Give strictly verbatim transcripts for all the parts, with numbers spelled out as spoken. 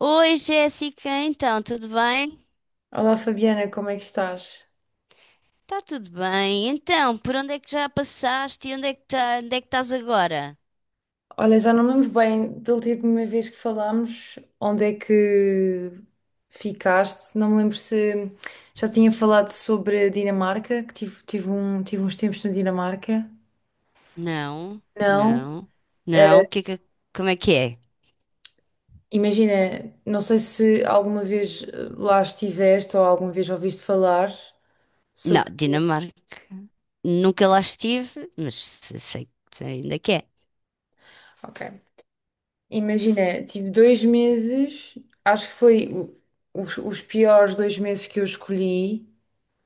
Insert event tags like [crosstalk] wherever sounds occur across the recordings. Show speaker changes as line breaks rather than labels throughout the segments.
Oi, Jéssica, então, tudo bem?
Olá Fabiana, como é que estás?
Tá tudo bem. Então, por onde é que já passaste e onde é que tá, onde é que estás agora?
Olha, já não me lembro bem da última vez que falámos, onde é que ficaste? Não me lembro se já tinha falado sobre a Dinamarca, que tive, tive, um, tive uns tempos na Dinamarca.
Não,
Não.
não,
Eh,
não. Que, que- como é que é?
imagina, não sei se alguma vez eh, lá estiveste ou alguma vez ouviste falar
Não,
sobre.
Dinamarca. Nunca lá estive, mas se- sei que ainda que é.
Ok. Imagina, tive dois meses, acho que foi o- os, os piores dois meses que eu escolhi,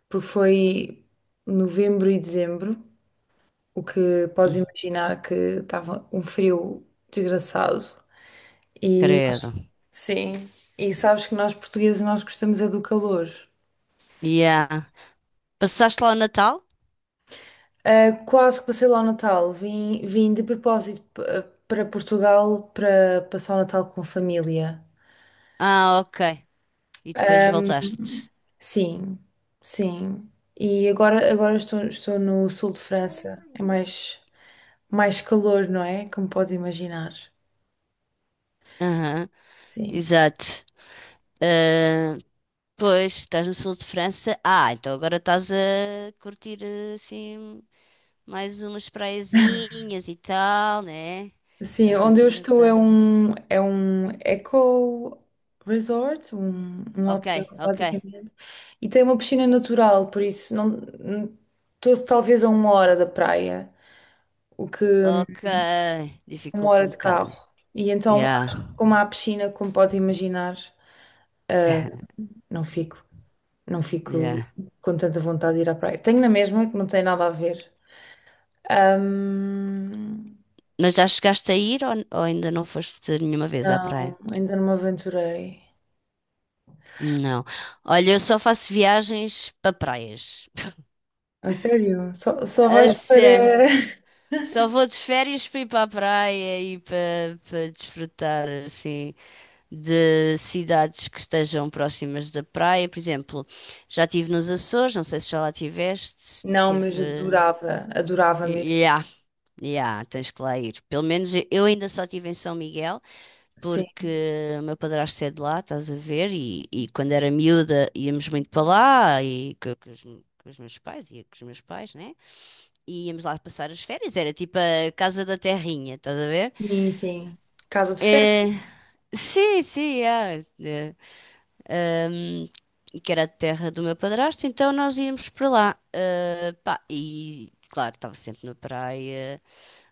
porque foi novembro e dezembro, o que podes
Hum.
imaginar que estava um frio desgraçado. E
Credo.
sim, e sabes que nós portugueses nós gostamos é do calor.
Yeah. Passaste lá o Natal?
Ah, quase que passei lá o Natal, vim, vim de propósito p- para Portugal para passar o Natal com a família.
Ah, ok. E depois voltaste.
Sim, sim. E agora, agora estou, estou no sul de França, é mais, mais calor, não é? Como podes imaginar.
Aham,
Sim.
exato. Ah, Pois, estás no sul de França. Ah, então agora estás a curtir assim mais umas praiazinhas e tal, né?
Sim,
Estás a
onde eu estou é
desfrutar.
um, é um eco resort, um, um
Ok,
hotel,
ok,
basicamente, e tem uma piscina natural, por isso não não- estou talvez a uma hora da praia, o que
ok.
uma
Dificulta
hora
um
de
bocado,
carro.
né?
E então,
Yeah,
como há piscina, como podes imaginar,
[laughs]
não fico, não fico
yeah.
com tanta vontade de ir à praia. Tenho na mesma, que não tem nada a ver. Ahm,
Mas já chegaste a ir ou, ou ainda não foste nenhuma vez à praia?
não, ainda não me aventurei.
Não. Olha, eu só faço viagens para praias.
A sério? Só, só
A
vais
sério.
para. [laughs]
Só vou de férias para ir para a praia e para para desfrutar assim de cidades que estejam próximas da praia. Por exemplo, já estive nos Açores, não sei se já lá estiveste.
Não, mas
Tive.
adorava, adorava mesmo.
Ya, ya, tens que lá ir. Pelo menos eu ainda só estive em São Miguel,
Sim,
porque o meu padrasto é de lá, estás a ver? E, e quando era miúda íamos muito para lá e co- com, os, com os meus pais, ia com os meus pais, né? E íamos lá passar as férias, era tipo a casa da terrinha, estás a ver?
sim, sim. Casa de
É,
férias?
sim, sim, ya, é. ahm, que era a terra do meu padrasto, então nós íamos para lá. Ah, pá, e claro, estava sempre na praia.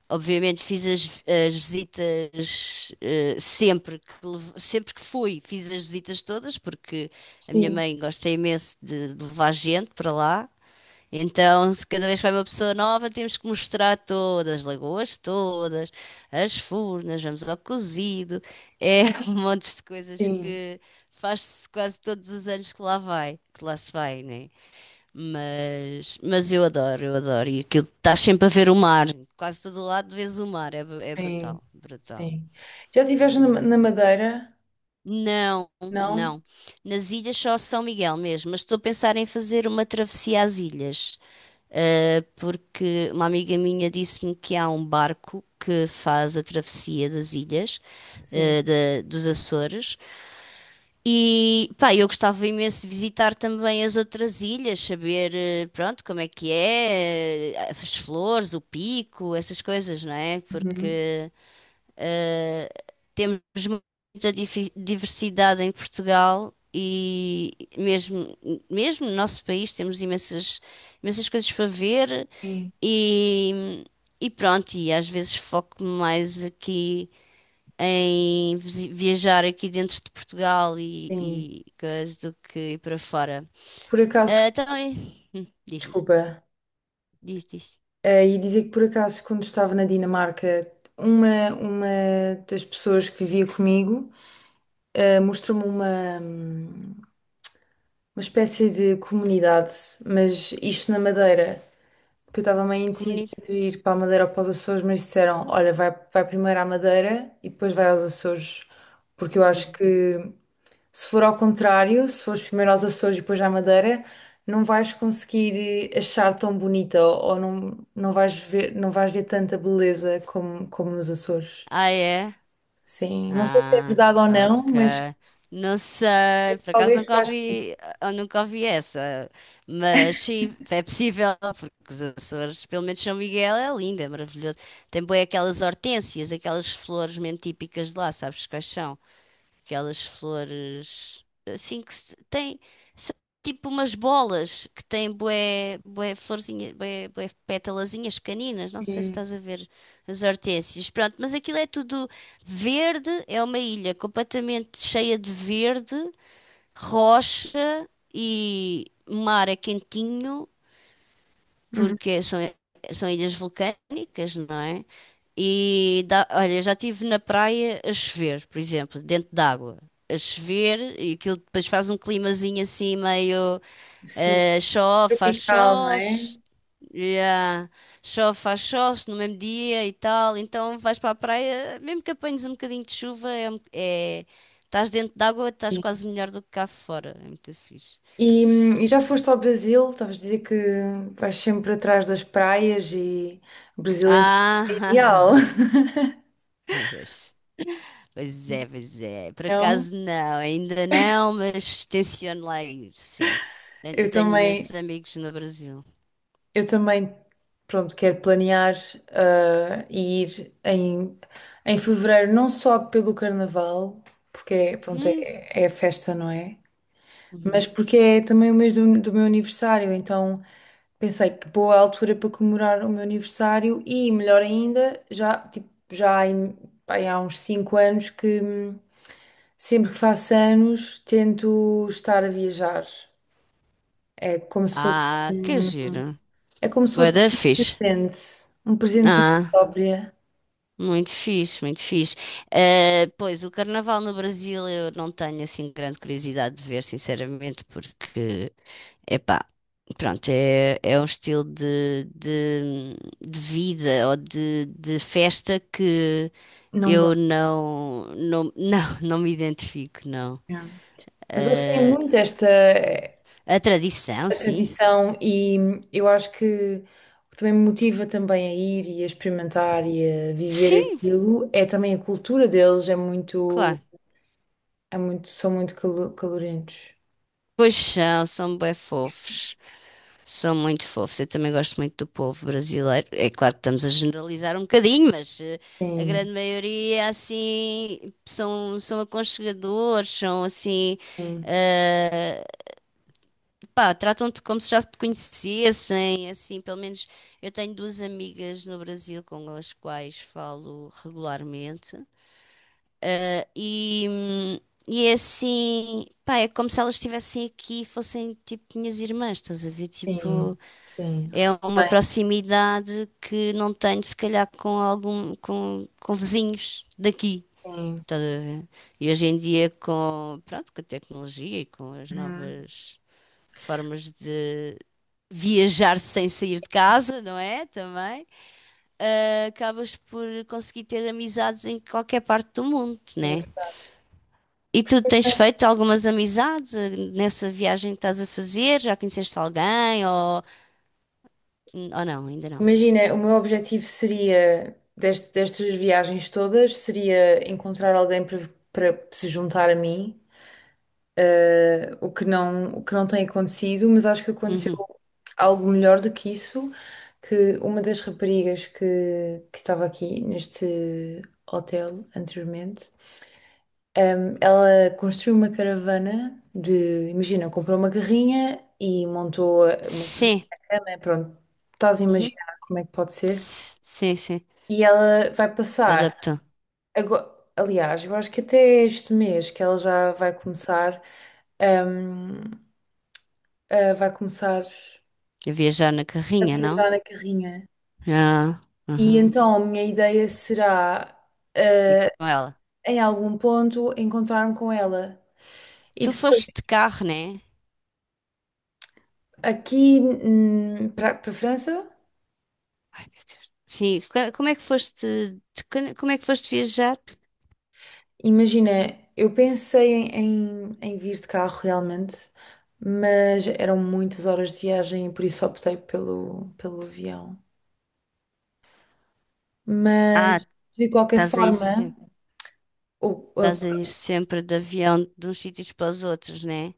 Obviamente fiz as, as visitas, ah, sempre que, lev- sempre que fui, fiz as visitas todas, porque a minha
Sim,
mãe gosta imenso de, de levar gente para lá. Então, se cada vez que vai uma pessoa nova, temos que mostrar todas, as lagoas todas, as furnas, vamos ao cozido, é [laughs] um monte de coisas
sim,
que faz-se quase todos os anos que lá vai, que lá se vai, né? Mas, mas eu adoro, eu adoro. E aquilo, estás sempre a ver o mar, quase todo o lado vês o mar, é, bru- é
sim,
brutal, brutal.
sim. Já estiveste
Brutal.
na, na Madeira?
Não,
Não?
não. Nas ilhas só São Miguel mesmo, mas estou a pensar em fazer uma travessia às ilhas. Uh, porque uma amiga minha disse-me que há um barco que faz a travessia das ilhas,
Sim.
uh, da- dos Açores. E pá, eu gostava imenso de visitar também as outras ilhas, saber, eh, pronto, como é que é, eh, as flores, o pico, essas coisas, não é?
Uhum.
Porque temos muita difi- diversidade em Portugal e mesmo, mesmo no nosso país temos imensas, imensas coisas para ver
Sim,
e, e pronto, e às vezes foco mais aqui em visi- viajar aqui dentro de Portugal e,
sim.
e coisas do que ir para fora.
Por acaso,
Ah, Então, e- hum, diz-me,
desculpa,
diz, diz.
eh, ia dizer que por acaso, quando estava na Dinamarca, uma, uma das pessoas que vivia comigo, eh, mostrou-me uma, hum, uma espécie de comunidade, mas isto na Madeira, que eu estava meio indecisa
Comunidade?
entre ir para a Madeira ou para os Açores, mas disseram, olha, vai, vai primeiro à Madeira e depois vai aos Açores, porque eu acho
Uhum.
que se for ao contrário, se fores primeiro aos Açores e depois à Madeira, não vais conseguir eh, achar tão bonita ou ou não, não vais ver, não vais ver tanta beleza como, como nos Açores.
Ah, é?
Sim, não sei se é
Ah,
verdade ou não,
ok.
mas
Não sei, por acaso
talvez
nunca
faça
ouvi, eu nunca ouvi essa, mas sim, é possível, porque os Açores, pelo menos São Miguel, é lindo, é maravilhoso. Tem bem aquelas hortênsias, aquelas flores mesmo típicas de lá, sabes quais são? Aquelas flores assim que se- têm. São tipo umas bolas que têm bué, bué florzinhas, bué, bué pétalazinhas pequeninas. Não sei se
assim,
estás a ver as hortênsias. Pronto, mas aquilo é tudo verde. É uma ilha completamente cheia de verde, rocha e mar é quentinho
uhum,
porque são, são ilhas vulcânicas, não é? E dá, olha, já estive na praia a chover, por exemplo, dentro d'água, a chover, e aquilo depois faz um climazinho assim meio
sim,
eh, chove, faz
tropical, não
sol,
é?
ch- Yeah, chove, faz sol no mesmo dia e tal. Então vais para a praia, mesmo que apanhes um bocadinho de chuva, é, um- é- estás dentro d'água, estás
Sim.
quase melhor do que cá fora. É muito fixe.
E, hum, e já foste ao Brasil? Estavas a dizer que vais sempre atrás das praias e o Brasil é ideal,
Ah, [laughs] às vezes. Pois é, pois é. Por
[laughs] não?
acaso não, ainda não, mas tenciono lá ir, sim. Tenho,
Eu
tenho
também,
imensos amigos no Brasil.
eu também, pronto, quero planear ah, e ir em, em fevereiro, não só pelo carnaval, porque é, pronto, é,
Hum,
é a festa, não é?
uhum.
Mas porque é também o mês do, do meu aniversário, então pensei que boa altura para comemorar o meu aniversário e, melhor ainda, já, tipo, já há em- bem, há uns cinco anos que hum, sempre que faço anos tento estar a viajar. É como se fosse,
Ah, que
um-
giro.
é como se
Bué
fosse
da
um
fixe.
presente, um presente para mim
Ah,
própria.
muito fixe, muito fixe. Eh, pois, o carnaval no Brasil eu não tenho assim grande curiosidade de ver, sinceramente, porque, epá, pronto, é, é um estilo de, de, de vida ou de, de festa que
Não
eu
gosto
não, não, não, não me identifico, não.
mesmo. Mas eles têm
Eh,
muito esta eh,
a tradição, sim.
tradição e hum, eu acho que o que também me motiva também a ir e a experimentar e a viver
Sim,
aquilo é também a cultura deles, é muito.
claro.
É muito, são muito calo- calorentos.
Pois são, são bem fofos. São muito fofos. Eu também gosto muito do povo brasileiro. É claro que estamos a generalizar um bocadinho, mas eh, a
Sim,
grande maioria, assim, são, são aconchegadores, são, assim,
sim,
ah, pá, tratam-te como se já te conhecessem, assim, pelo menos eu tenho duas amigas no Brasil com as quais falo regularmente, eh, e, hum, e é assim, pá, é como se elas estivessem aqui e fossem tipo minhas irmãs, estás a ver?
sim,
Tipo,
sim.
é
Recebo
uma
bem,
proximidade que não tenho se calhar com algum, com, com vizinhos daqui.
sim.
Estás a ver? E hoje em dia com, pronto, com a tecnologia e com as
Uhum.
novas formas viajar sem sair de casa, não é? Também. Ah, acabas por conseguir ter amizades em qualquer parte do mundo,
Sim.
né? E tu tens feito algumas amizades ah, nessa viagem que estás a fazer? Já conheceste alguém ou, ou não? Ainda não.
Imagina, o meu objetivo seria, dest- destas viagens todas, seria encontrar alguém para para se juntar a mim, eh, o que não, o que não tem acontecido, mas acho que aconteceu
Uhum.
algo melhor do que isso, que uma das raparigas que, que estava aqui neste hotel anteriormente. Ahm, ela construiu uma caravana de, imagina, comprou uma carrinha e montou uma
Sim.
cama, pronto, estás a
Uhum.
imaginar como é que pode ser.
S- Sim, sim.
E ela vai passar,
Adaptou.
agora, aliás, eu acho que até este mês que ela já vai começar, ahm, ah, vai começar
A viajar na
a
carrinha, não?
viajar na carrinha.
Ah,
E
uhum.
então a minha ideia será,
E
ah,
com ela?
em algum ponto, encontrar-me com ela. E
Tu
depois,
foste de carro, né?
aqui hum, para para a França.
Ai, meu Deus. Sim, co- como é que foste, de- como é que foste viajar?
Imagina, eu pensei em, em, em vir de carro realmente, mas eram muitas horas de viagem e por isso optei pelo, pelo avião. Mas,
Ah,
de qualquer
estás aí,
forma,
se-
o-
Estás a ir
a-
sempre de avião de uns sítios para os outros, né?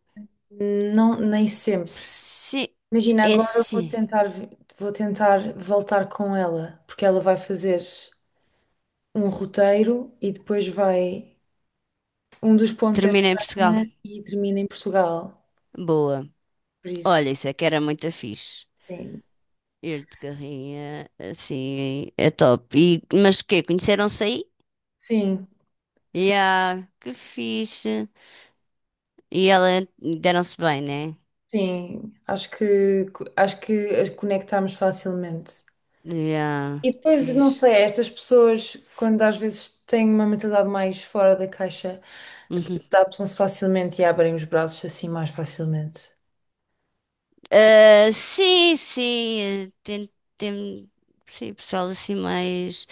não, nem sempre.
Sim,
Imagina,
é
agora eu vou
sim.
tentar, vi- vou tentar voltar com ela, porque ela vai fazer um roteiro e depois vai. Um dos pontos é
Termina em Portugal.
Espanha e termina em Portugal.
Boa.
Por isso,
Olha, isso é que era muito fixe.
sim.
Ir de carrinha, assim, é top. E, mas quê? Conheceram-se aí?
Sim. Sim.
Yeah, que fixe. E ela deram-se bem, né?
Sim, acho que acho que as conectamos facilmente.
Yeah,
E depois, não
fixe.
sei, estas pessoas, quando às vezes têm uma mentalidade mais fora da caixa, depois
Uhum.
adaptam-se facilmente e abrem os braços assim mais facilmente.
Ah, sim, sim. eh, Tem, tem, sim, pessoal assim mais.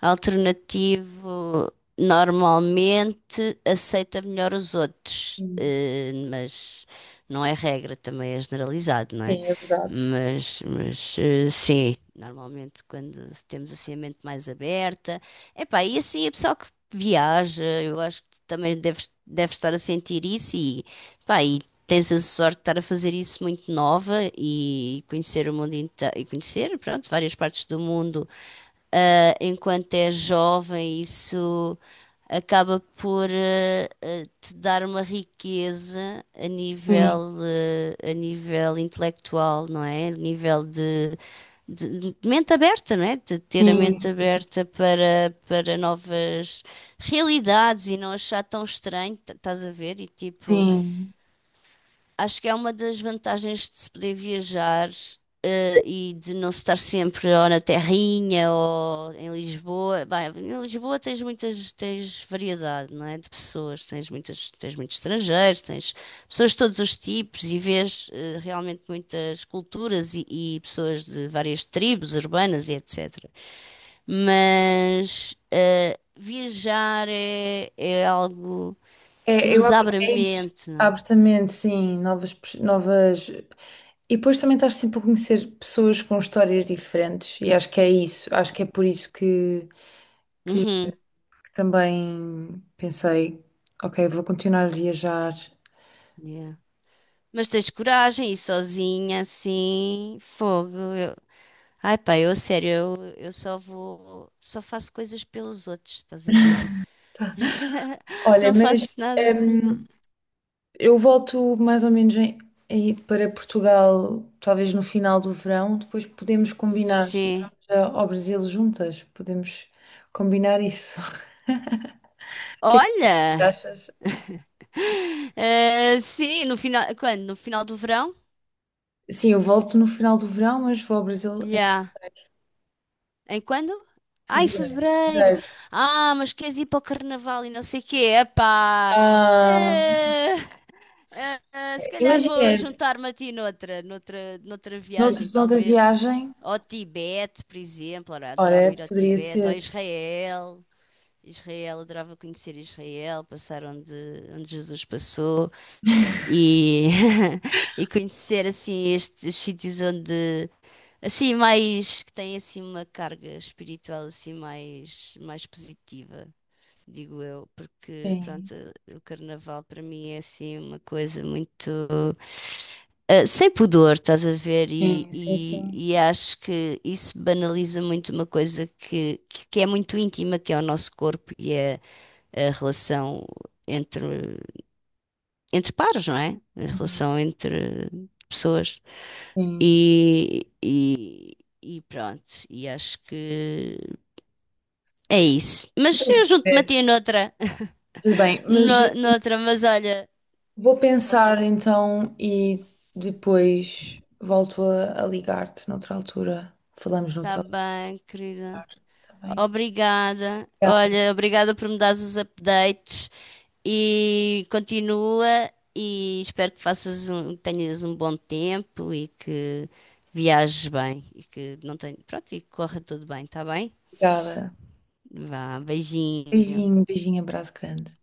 Alternativo normalmente aceita melhor os outros,
Sim,
eh, mas não é regra, também é generalizado, não é?
sim, é verdade.
Mas, mas eh, sim, normalmente quando temos assim a mente mais aberta, epá, e assim a pessoa que viaja, eu acho que tu também deves, deves estar a sentir isso e, pá, e tens a sorte de estar a fazer isso muito nova e conhecer o mundo inteiro, e conhecer, pronto, várias partes do mundo ah, enquanto é jovem, isso acaba por ah, ah, te dar uma riqueza a
Sim,
nível, ah, a nível intelectual, não é? A nível de, de- de mente aberta, não é? De ter a
sim,
mente aberta para, para novas realidades e não achar tão estranho, t- estás a ver? E tipo.
sim.
Acho que é uma das vantagens de se poder viajar, eh, e de não se estar sempre ou na Terrinha ou em Lisboa. Bem, em Lisboa tens muitas, tens variedade, não é? De pessoas, tens muitas, tens muitos estrangeiros, tens pessoas de todos os tipos e vês, eh, realmente muitas culturas e, e pessoas de várias tribos urbanas e etcétera. Mas eh, viajar é, é algo que
É, eu
nos
abro,
abre a
é isso.
mente. Não é?
Abro também, sim, novas, pers- novas. E depois também estás sempre a conhecer pessoas com histórias diferentes, e acho que é isso, acho que é por isso
Uhum.
que também pensei, ok, vou continuar a viajar.
Yeah. Mas tens coragem, e sozinha, assim, fogo. eu- Ai pá, eu a sério, eu, eu só vou, só faço coisas pelos outros, estás a ver? [laughs]
Olha,
Não faço
mas
nada por mim.
hum, eu volto mais ou menos em- aí para Portugal, talvez no final do verão, depois podemos combinar e
Sim.
vamos a- ao Brasil juntas, podemos combinar isso. [laughs] O que é que tu
Olha!
achas?
Eh, sim, no final, quando? No final do verão?
Sim, eu volto no final do verão, mas vou ao Brasil em
Já. Em quando? Ah, em
fevereiro.
fevereiro.
Fevereiro.
Ah, mas queres ir para o carnaval e não sei o quê. Epá.
Ah,
Eh, Ah, ah, se calhar vou
imagina,
juntar-me a ti noutra, noutra, noutra
noutra,
viagem,
noutra
talvez
viagem,
ao Tibete, por exemplo. Ora, adorava
olha,
ir ao
poderia
Tibete, ou
ser.
a Israel. Israel, adorava conhecer Israel, passar onde, onde Jesus passou e, [laughs] e conhecer assim estes sítios onde assim mais que têm assim uma carga espiritual assim mais mais positiva digo eu, porque
Sim,
pronto, o carnaval para mim é assim uma coisa muito eh, sem pudor, estás a ver? E,
sim, sim,
e-
sim.
e acho que isso banaliza muito uma coisa que, que, que é muito íntima, que é o nosso corpo e é a relação entre, entre pares, não é? A
Uhum,
relação entre pessoas.
sim.
E, e, e pronto, e acho que é isso. Mas eu junto-me a ti noutra,
Tudo bem,
[laughs]
mas
no, noutra, mas olha.
vou pensar então e depois volto a, a ligar-te noutra altura. Falamos
Tá
noutra altura,
bem, querida.
tá bem?
Obrigada. Olha, obrigada por me dares os updates e continua e espero que faças um, tenhas um bom tempo e que viajes bem e que não tenha, pronto, e que corra tudo bem, tá bem?
Obrigada.
Vá, beijinho.
Beijinho, beijinho, abraço grande.